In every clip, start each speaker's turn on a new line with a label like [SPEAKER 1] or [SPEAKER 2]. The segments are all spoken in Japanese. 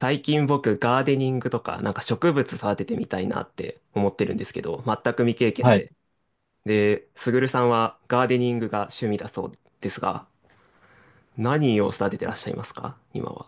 [SPEAKER 1] 最近僕、ガーデニングとか、なんか植物育ててみたいなって思ってるんですけど、全く未経験
[SPEAKER 2] はい、
[SPEAKER 1] で。で、すぐるさんはガーデニングが趣味だそうですが、何を育ててらっしゃいますか今は。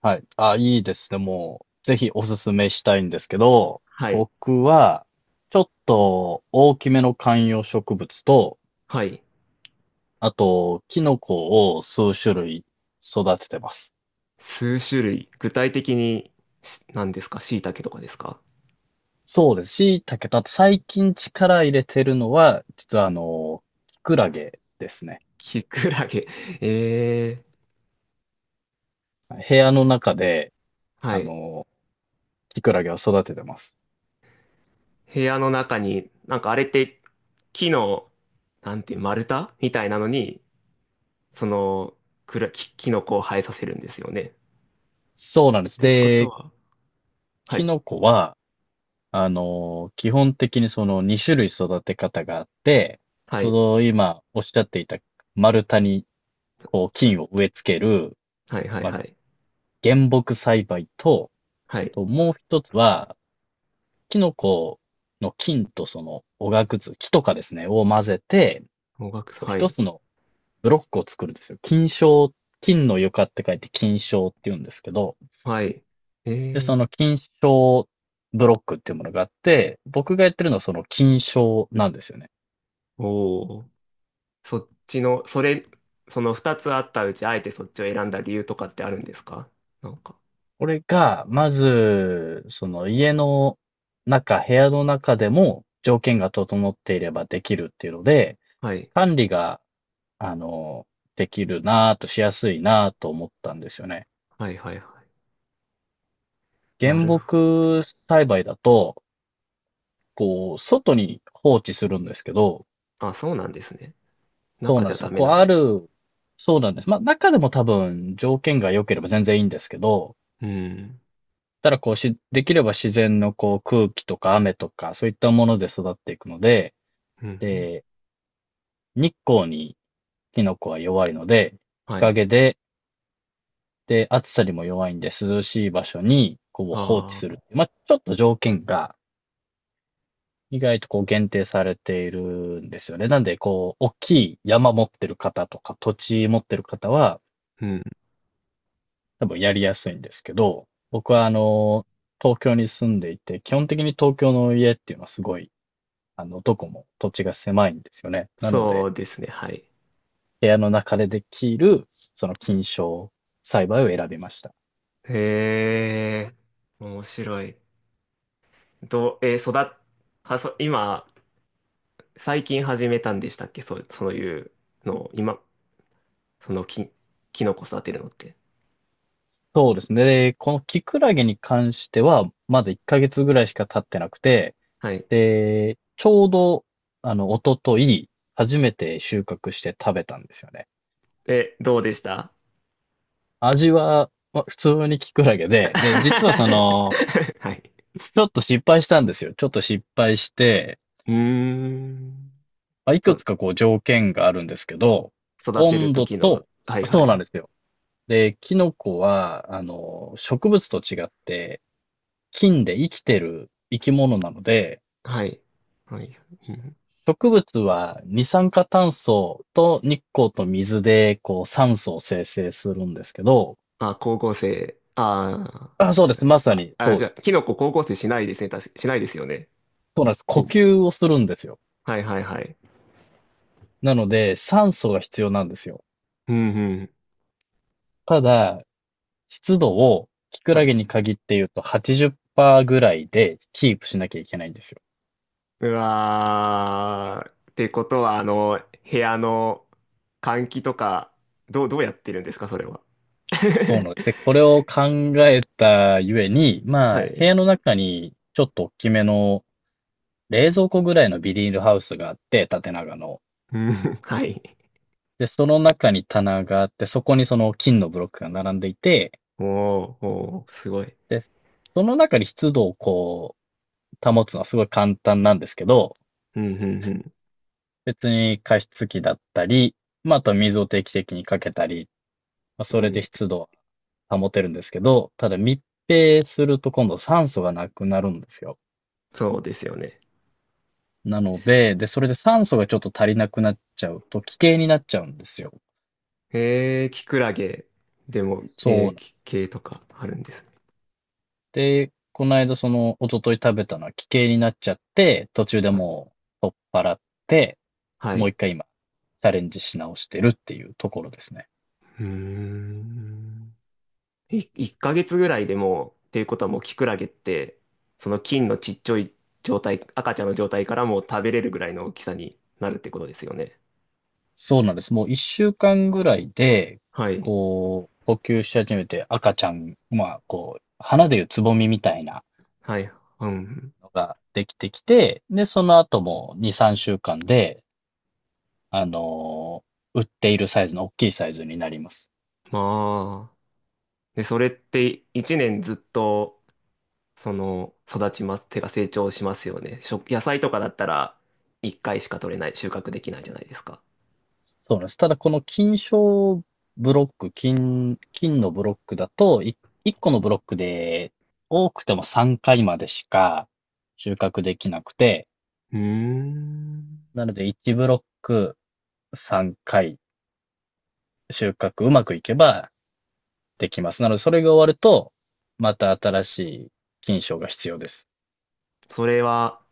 [SPEAKER 2] はい。あ、いいですね。もう、ぜひおすすめしたいんですけど、
[SPEAKER 1] はい。
[SPEAKER 2] 僕は、ちょっと大きめの観葉植物と、
[SPEAKER 1] はい。
[SPEAKER 2] あと、キノコを数種類育ててます。
[SPEAKER 1] 数種類。具体的に何ですか椎茸とかですか？
[SPEAKER 2] そうです。椎茸と、あと最近力入れてるのは、実はキクラゲですね。
[SPEAKER 1] キクラゲ。ええー。
[SPEAKER 2] 部屋の中で、
[SPEAKER 1] は
[SPEAKER 2] あ
[SPEAKER 1] い。
[SPEAKER 2] の、キクラゲを育ててます。
[SPEAKER 1] 部屋の中に、なんかあれって木の、なんて、丸太みたいなのに、その、くら、き、キノコを生えさせるんですよね。
[SPEAKER 2] そうなんです。
[SPEAKER 1] てこと
[SPEAKER 2] で、
[SPEAKER 1] は、は
[SPEAKER 2] キ
[SPEAKER 1] い。
[SPEAKER 2] ノコは、基本的にその2種類育て方があって、
[SPEAKER 1] は
[SPEAKER 2] そ
[SPEAKER 1] い。
[SPEAKER 2] の今おっしゃっていた丸太にこう菌を植え付ける、
[SPEAKER 1] はい、はい、
[SPEAKER 2] まあ、
[SPEAKER 1] はい。
[SPEAKER 2] 原木栽培と、
[SPEAKER 1] はい。
[SPEAKER 2] もう一つは、キノコの菌とそのおがくず、木とかですね、を混ぜて、
[SPEAKER 1] もがく、
[SPEAKER 2] こう
[SPEAKER 1] は
[SPEAKER 2] 一
[SPEAKER 1] い。
[SPEAKER 2] つのブロックを作るんですよ。菌床、菌の床って書いて菌床って言うんですけど、
[SPEAKER 1] はい。
[SPEAKER 2] で、
[SPEAKER 1] え
[SPEAKER 2] そ
[SPEAKER 1] ー、
[SPEAKER 2] の菌床ブロックっていうものがあって、僕がやってるのはその菌床なんですよね。
[SPEAKER 1] おー。そっちの、それ、その二つあったうち、あえてそっちを選んだ理由とかってあるんですか、なんか？
[SPEAKER 2] これが、まず、その家の中、部屋の中でも条件が整っていればできるっていうので、
[SPEAKER 1] はい。
[SPEAKER 2] 管理が、あの、できるなぁと、しやすいなぁと思ったんですよね。
[SPEAKER 1] はい、はい、はい。な
[SPEAKER 2] 原
[SPEAKER 1] るほ
[SPEAKER 2] 木栽培だと、こう、外に放置するんですけど、
[SPEAKER 1] ど。あ、そうなんですね。
[SPEAKER 2] そう
[SPEAKER 1] 中
[SPEAKER 2] なん
[SPEAKER 1] じ
[SPEAKER 2] で
[SPEAKER 1] ゃ
[SPEAKER 2] す
[SPEAKER 1] ダ
[SPEAKER 2] よ。
[SPEAKER 1] メ
[SPEAKER 2] こう、
[SPEAKER 1] なん
[SPEAKER 2] あ
[SPEAKER 1] で。
[SPEAKER 2] る、そうなんです。まあ、中でも多分条件が良ければ全然いいんですけど、
[SPEAKER 1] うん。
[SPEAKER 2] ただこうし、できれば自然のこう空気とか雨とか、そういったもので育っていくので、
[SPEAKER 1] うん。うん。
[SPEAKER 2] で、日光にキノコは弱いので、日
[SPEAKER 1] はい。
[SPEAKER 2] 陰で、で、暑さにも弱いんで、涼しい場所に、こう、放置
[SPEAKER 1] あ
[SPEAKER 2] す
[SPEAKER 1] あ、
[SPEAKER 2] る。まあ、ちょっと条件が、意外とこう、限定されているんですよね。なんで、こう、大きい山持ってる方とか、土地持ってる方は、
[SPEAKER 1] うん。
[SPEAKER 2] 多分やりやすいんですけど、僕は、東京に住んでいて、基本的に東京の家っていうのはすごい、どこも土地が狭いんですよね。なの
[SPEAKER 1] そ
[SPEAKER 2] で、
[SPEAKER 1] うですね、はい。
[SPEAKER 2] 部屋の中でできる、その菌床栽培を選びました。
[SPEAKER 1] へえ、面白い。どう、えー育っ、は、そ、今、最近始めたんでしたっけ？そう、そういうのを、今、そのき、キノコ育てるのって。
[SPEAKER 2] そうですね。で、このキクラゲに関しては、まだ1ヶ月ぐらいしか経ってなくて、
[SPEAKER 1] はい。
[SPEAKER 2] で、ちょうど、一昨と初めて収穫して食べたんですよね。
[SPEAKER 1] え、どうでした？
[SPEAKER 2] 味は、まあ普通にキクラゲで、で、実は
[SPEAKER 1] はい。
[SPEAKER 2] ちょっと失敗したんですよ。ちょっと失敗して、
[SPEAKER 1] うーん。
[SPEAKER 2] まあ、いく
[SPEAKER 1] そ、
[SPEAKER 2] つかこう条件があるんですけど、
[SPEAKER 1] 育てる
[SPEAKER 2] 温度
[SPEAKER 1] 時の、
[SPEAKER 2] と、
[SPEAKER 1] はいは
[SPEAKER 2] そう
[SPEAKER 1] い
[SPEAKER 2] な
[SPEAKER 1] は
[SPEAKER 2] ん
[SPEAKER 1] い。
[SPEAKER 2] ですよ。で、キノコは、植物と違って、菌で生きてる生き物なので、
[SPEAKER 1] はい。はい。うん、
[SPEAKER 2] 植物は二酸化炭素と日光と水で、こう、酸素を生成するんですけど、
[SPEAKER 1] あ、光合成。あ
[SPEAKER 2] あ、そうで
[SPEAKER 1] あ。は
[SPEAKER 2] す。
[SPEAKER 1] い。
[SPEAKER 2] まさ
[SPEAKER 1] あ、
[SPEAKER 2] に、
[SPEAKER 1] あ
[SPEAKER 2] そう
[SPEAKER 1] じ
[SPEAKER 2] で
[SPEAKER 1] ゃあ、
[SPEAKER 2] す。
[SPEAKER 1] キノコ光合成しないですね。確かしないですよね。
[SPEAKER 2] そうなんです。呼
[SPEAKER 1] き、
[SPEAKER 2] 吸をするんですよ。
[SPEAKER 1] はいはいはい。
[SPEAKER 2] なので、酸素が必要なんですよ。
[SPEAKER 1] うんうん。
[SPEAKER 2] ただ、湿度を、キク
[SPEAKER 1] は
[SPEAKER 2] ラ
[SPEAKER 1] い。
[SPEAKER 2] ゲに限って言うと80%ぐらいでキープしなきゃいけないんですよ。
[SPEAKER 1] うわー。ってことは、部屋の換気とか、どうやってるんですか、それは。
[SPEAKER 2] そう なんです。で、これを考えたゆえに、
[SPEAKER 1] は
[SPEAKER 2] まあ、部
[SPEAKER 1] い。
[SPEAKER 2] 屋の中にちょっと大きめの冷蔵庫ぐらいのビニールハウスがあって、縦長の。
[SPEAKER 1] うん、はい。
[SPEAKER 2] で、その中に棚があって、そこにその金のブロックが並んでいて、
[SPEAKER 1] おー、おー、すごい。
[SPEAKER 2] で、その中に湿度をこう、保つのはすごい簡単なんですけど、
[SPEAKER 1] うん、うん、
[SPEAKER 2] 別に加湿器だったり、まあ、あとは水を定期的にかけたり、まあ、そ
[SPEAKER 1] うん。
[SPEAKER 2] れ
[SPEAKER 1] うん。
[SPEAKER 2] で湿度を保てるんですけど、ただ密閉すると今度酸素がなくなるんですよ。
[SPEAKER 1] そうですよね。
[SPEAKER 2] なので、で、それで酸素がちょっと足りなくなっちゃうと、奇形になっちゃうんですよ。
[SPEAKER 1] えー、キクラゲでも、
[SPEAKER 2] そうなん。
[SPEAKER 1] き系とかあるんですね。
[SPEAKER 2] で、この間一昨日食べたのは奇形になっちゃって、途中で
[SPEAKER 1] はい。
[SPEAKER 2] もう取っ払って、
[SPEAKER 1] は
[SPEAKER 2] もう
[SPEAKER 1] い。
[SPEAKER 2] 一回今、チャレンジし直してるっていうところですね。
[SPEAKER 1] うーん。1ヶ月ぐらいでもう、っていうことはもうキクラゲって、その菌のちっちゃい状態、赤ちゃんの状態からもう食べれるぐらいの大きさになるってことですよね。
[SPEAKER 2] そうなんです。もう一週間ぐらいで、
[SPEAKER 1] はい。
[SPEAKER 2] こう、呼吸し始めて赤ちゃん、まあ、こう、花でいうつぼみみたいな
[SPEAKER 1] はい。うん。
[SPEAKER 2] のができてきて、で、その後も2、3週間で、あの、売っているサイズの大きいサイズになります。
[SPEAKER 1] まあ。で、それって1年ずっと、育ちます。手が成長しますよね。食野菜とかだったら、1回しか取れない、収穫できないじゃないですか。
[SPEAKER 2] そうなんです。ただこの金賞ブロック、金のブロックだと、1個のブロックで多くても3回までしか収穫できなくて、
[SPEAKER 1] うーん。
[SPEAKER 2] なので1ブロック3回収穫うまくいけばできます。なのでそれが終わると、また新しい金賞が必要です。
[SPEAKER 1] それは、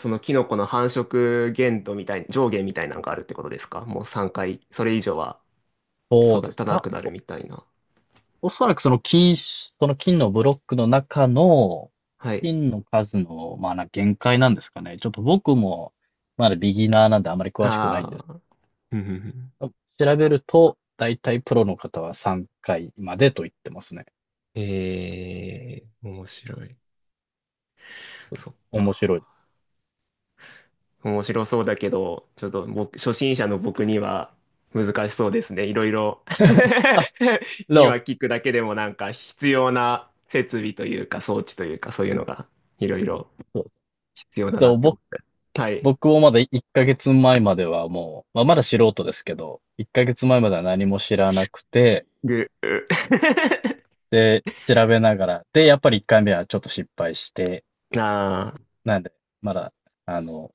[SPEAKER 1] そのキノコの繁殖限度みたい、上限みたいなのがあるってことですか、もう3回、それ以上は
[SPEAKER 2] そうで
[SPEAKER 1] 育
[SPEAKER 2] す。
[SPEAKER 1] たなくなるみたいな。
[SPEAKER 2] おそらくそのその金のブロックの中の
[SPEAKER 1] はい。
[SPEAKER 2] 金の数の、まあな、限界なんですかね。ちょっと僕もまだビギナーなんであまり詳しくないんです
[SPEAKER 1] ああ。うんうんうん。
[SPEAKER 2] けど。調べると、だいたいプロの方は3回までと言ってますね。
[SPEAKER 1] えー、面白い。そっ
[SPEAKER 2] 面白いで
[SPEAKER 1] か。
[SPEAKER 2] す。
[SPEAKER 1] 面白そうだけど、ちょっと僕、初心者の僕には難しそうですね。いろいろ。
[SPEAKER 2] で
[SPEAKER 1] 今
[SPEAKER 2] も、
[SPEAKER 1] 聞くだけでもなんか必要な設備というか装置というかそういうのがいろいろ
[SPEAKER 2] そう
[SPEAKER 1] 必要だ
[SPEAKER 2] で
[SPEAKER 1] な
[SPEAKER 2] も
[SPEAKER 1] って思
[SPEAKER 2] 僕、
[SPEAKER 1] って。はい。
[SPEAKER 2] 僕もまだ1ヶ月前まではもう、まあ、まだ素人ですけど、1ヶ月前までは何も知らなくて、
[SPEAKER 1] ぐ、う
[SPEAKER 2] で、調べながら、で、やっぱり1回目はちょっと失敗して、
[SPEAKER 1] あ
[SPEAKER 2] なんで、まだ、あの、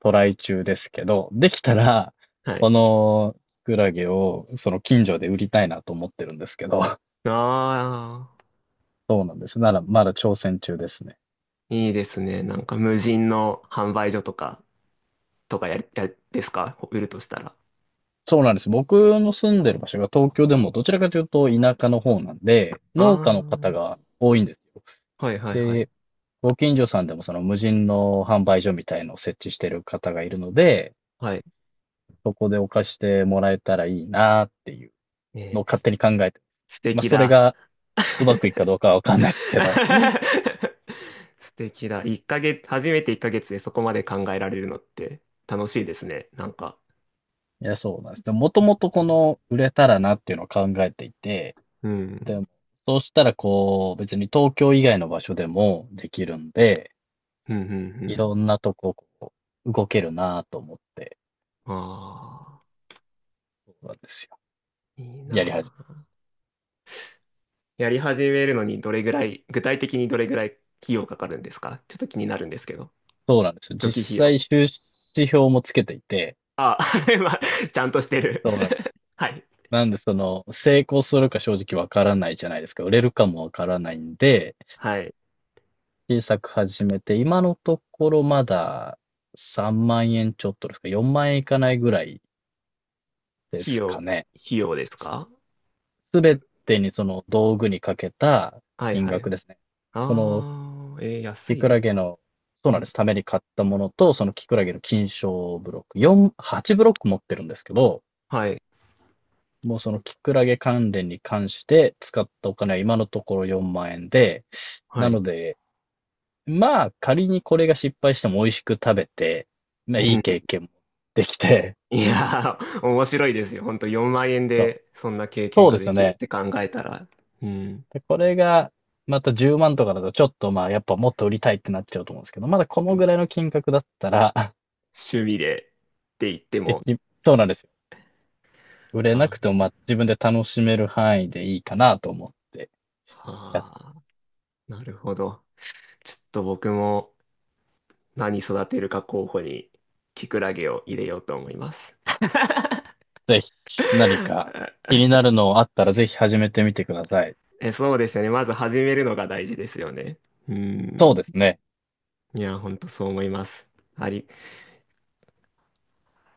[SPEAKER 2] トライ中ですけど、できたら、
[SPEAKER 1] あ、は
[SPEAKER 2] こ
[SPEAKER 1] い。
[SPEAKER 2] のキクラゲをその近所で売りたいなと思ってるんですけど、
[SPEAKER 1] ああ、
[SPEAKER 2] そうなんです。なら、まだ挑戦中ですね。
[SPEAKER 1] いいですね。なんか無人の販売所とか、とかや、や、ですか売るとしたら。
[SPEAKER 2] そうなんです。僕の住んでる場所が東京でもどちらかというと田舎の方なんで、農家の方
[SPEAKER 1] あ
[SPEAKER 2] が多いんですよ。
[SPEAKER 1] あ、はいはいはい。
[SPEAKER 2] で、ご近所さんでもその無人の販売所みたいのを設置してる方がいるので、
[SPEAKER 1] はい。
[SPEAKER 2] そこでお貸してもらえたらいいなっていうの
[SPEAKER 1] え
[SPEAKER 2] を
[SPEAKER 1] ー、
[SPEAKER 2] 勝手に考えてます。
[SPEAKER 1] 素
[SPEAKER 2] まあ、
[SPEAKER 1] 敵
[SPEAKER 2] それ
[SPEAKER 1] だ。
[SPEAKER 2] がうまくいくかどうかはわかんないですけど、
[SPEAKER 1] 素敵だ。一ヶ月、初めて1ヶ月でそこまで考えられるのって楽しいですね。なんか。
[SPEAKER 2] いや、そうなんです。でも、もともとこの、売れたらなっていうのを考えていて、
[SPEAKER 1] う
[SPEAKER 2] で
[SPEAKER 1] ん。
[SPEAKER 2] も、そうしたら、こう、別に東京以外の場所でもできるんで、
[SPEAKER 1] うんう
[SPEAKER 2] い
[SPEAKER 1] ん
[SPEAKER 2] ろんなとこ、こう、動けるなと思って、
[SPEAKER 1] うん。ああ、
[SPEAKER 2] そうなんですよ。
[SPEAKER 1] いい
[SPEAKER 2] やり始
[SPEAKER 1] な。
[SPEAKER 2] め。
[SPEAKER 1] やり始めるのにどれぐらい、具体的にどれぐらい費用かかるんですか、ちょっと気になるんですけど。
[SPEAKER 2] そうなんですよ。
[SPEAKER 1] 初期
[SPEAKER 2] 実
[SPEAKER 1] 費
[SPEAKER 2] 際、
[SPEAKER 1] 用。
[SPEAKER 2] 収支表もつけていて、
[SPEAKER 1] あ、まあ、ちゃんとしてる。
[SPEAKER 2] そうなんです。
[SPEAKER 1] はい。
[SPEAKER 2] なんで、その、成功するか正直わからないじゃないですか。売れるかもわからないんで、
[SPEAKER 1] はい。
[SPEAKER 2] 小さく始めて、今のところまだ3万円ちょっとですか、4万円いかないぐらいで
[SPEAKER 1] 費
[SPEAKER 2] すか
[SPEAKER 1] 用、
[SPEAKER 2] ね。
[SPEAKER 1] 費用ですか？
[SPEAKER 2] すべてにその道具にかけた
[SPEAKER 1] はい
[SPEAKER 2] 金
[SPEAKER 1] はい。
[SPEAKER 2] 額ですね。この
[SPEAKER 1] あー、えー、
[SPEAKER 2] キ
[SPEAKER 1] 安い
[SPEAKER 2] ク
[SPEAKER 1] で
[SPEAKER 2] ラ
[SPEAKER 1] す。
[SPEAKER 2] ゲの、そう
[SPEAKER 1] う
[SPEAKER 2] なんで
[SPEAKER 1] ん。
[SPEAKER 2] す。ために買ったものと、そのキクラゲの金賞ブロック、4、8ブロック持ってるんですけど、
[SPEAKER 1] はい。
[SPEAKER 2] もうそのキクラゲ関連に関して使ったお金は今のところ4万円で、
[SPEAKER 1] は
[SPEAKER 2] な
[SPEAKER 1] い。
[SPEAKER 2] ので、まあ仮にこれが失敗しても美味しく食べて、まあ
[SPEAKER 1] う
[SPEAKER 2] いい
[SPEAKER 1] ん。
[SPEAKER 2] 経験もできて、
[SPEAKER 1] いやー、面白いですよ。ほんと4万円
[SPEAKER 2] そう、
[SPEAKER 1] でそんな経験
[SPEAKER 2] そう
[SPEAKER 1] が
[SPEAKER 2] です
[SPEAKER 1] で
[SPEAKER 2] よ
[SPEAKER 1] きるっ
[SPEAKER 2] ね。
[SPEAKER 1] て考えたら。うん。
[SPEAKER 2] で、これが、また10万とかだと、ちょっとまあ、やっぱもっと売りたいってなっちゃうと思うんですけど、まだこ
[SPEAKER 1] う
[SPEAKER 2] の
[SPEAKER 1] ん。
[SPEAKER 2] ぐらいの金額だったら、
[SPEAKER 1] 趣味でって言って
[SPEAKER 2] で
[SPEAKER 1] も。
[SPEAKER 2] き、そうなんですよ。売れな
[SPEAKER 1] は
[SPEAKER 2] くても、まあ、自分で楽しめる範囲でいいかなと思って
[SPEAKER 1] あ、
[SPEAKER 2] やっ
[SPEAKER 1] はあ。なるほど。ちょっと僕も何育てるか候補にキクラゲを入れようと思います。
[SPEAKER 2] て、ぜひ、何か 気になるのあったら、ぜひ始めてみてください。
[SPEAKER 1] え、そうですよね。まず始めるのが大事ですよね。う
[SPEAKER 2] そう
[SPEAKER 1] ん。
[SPEAKER 2] ですね。
[SPEAKER 1] いや、ほんとそう思います。あり、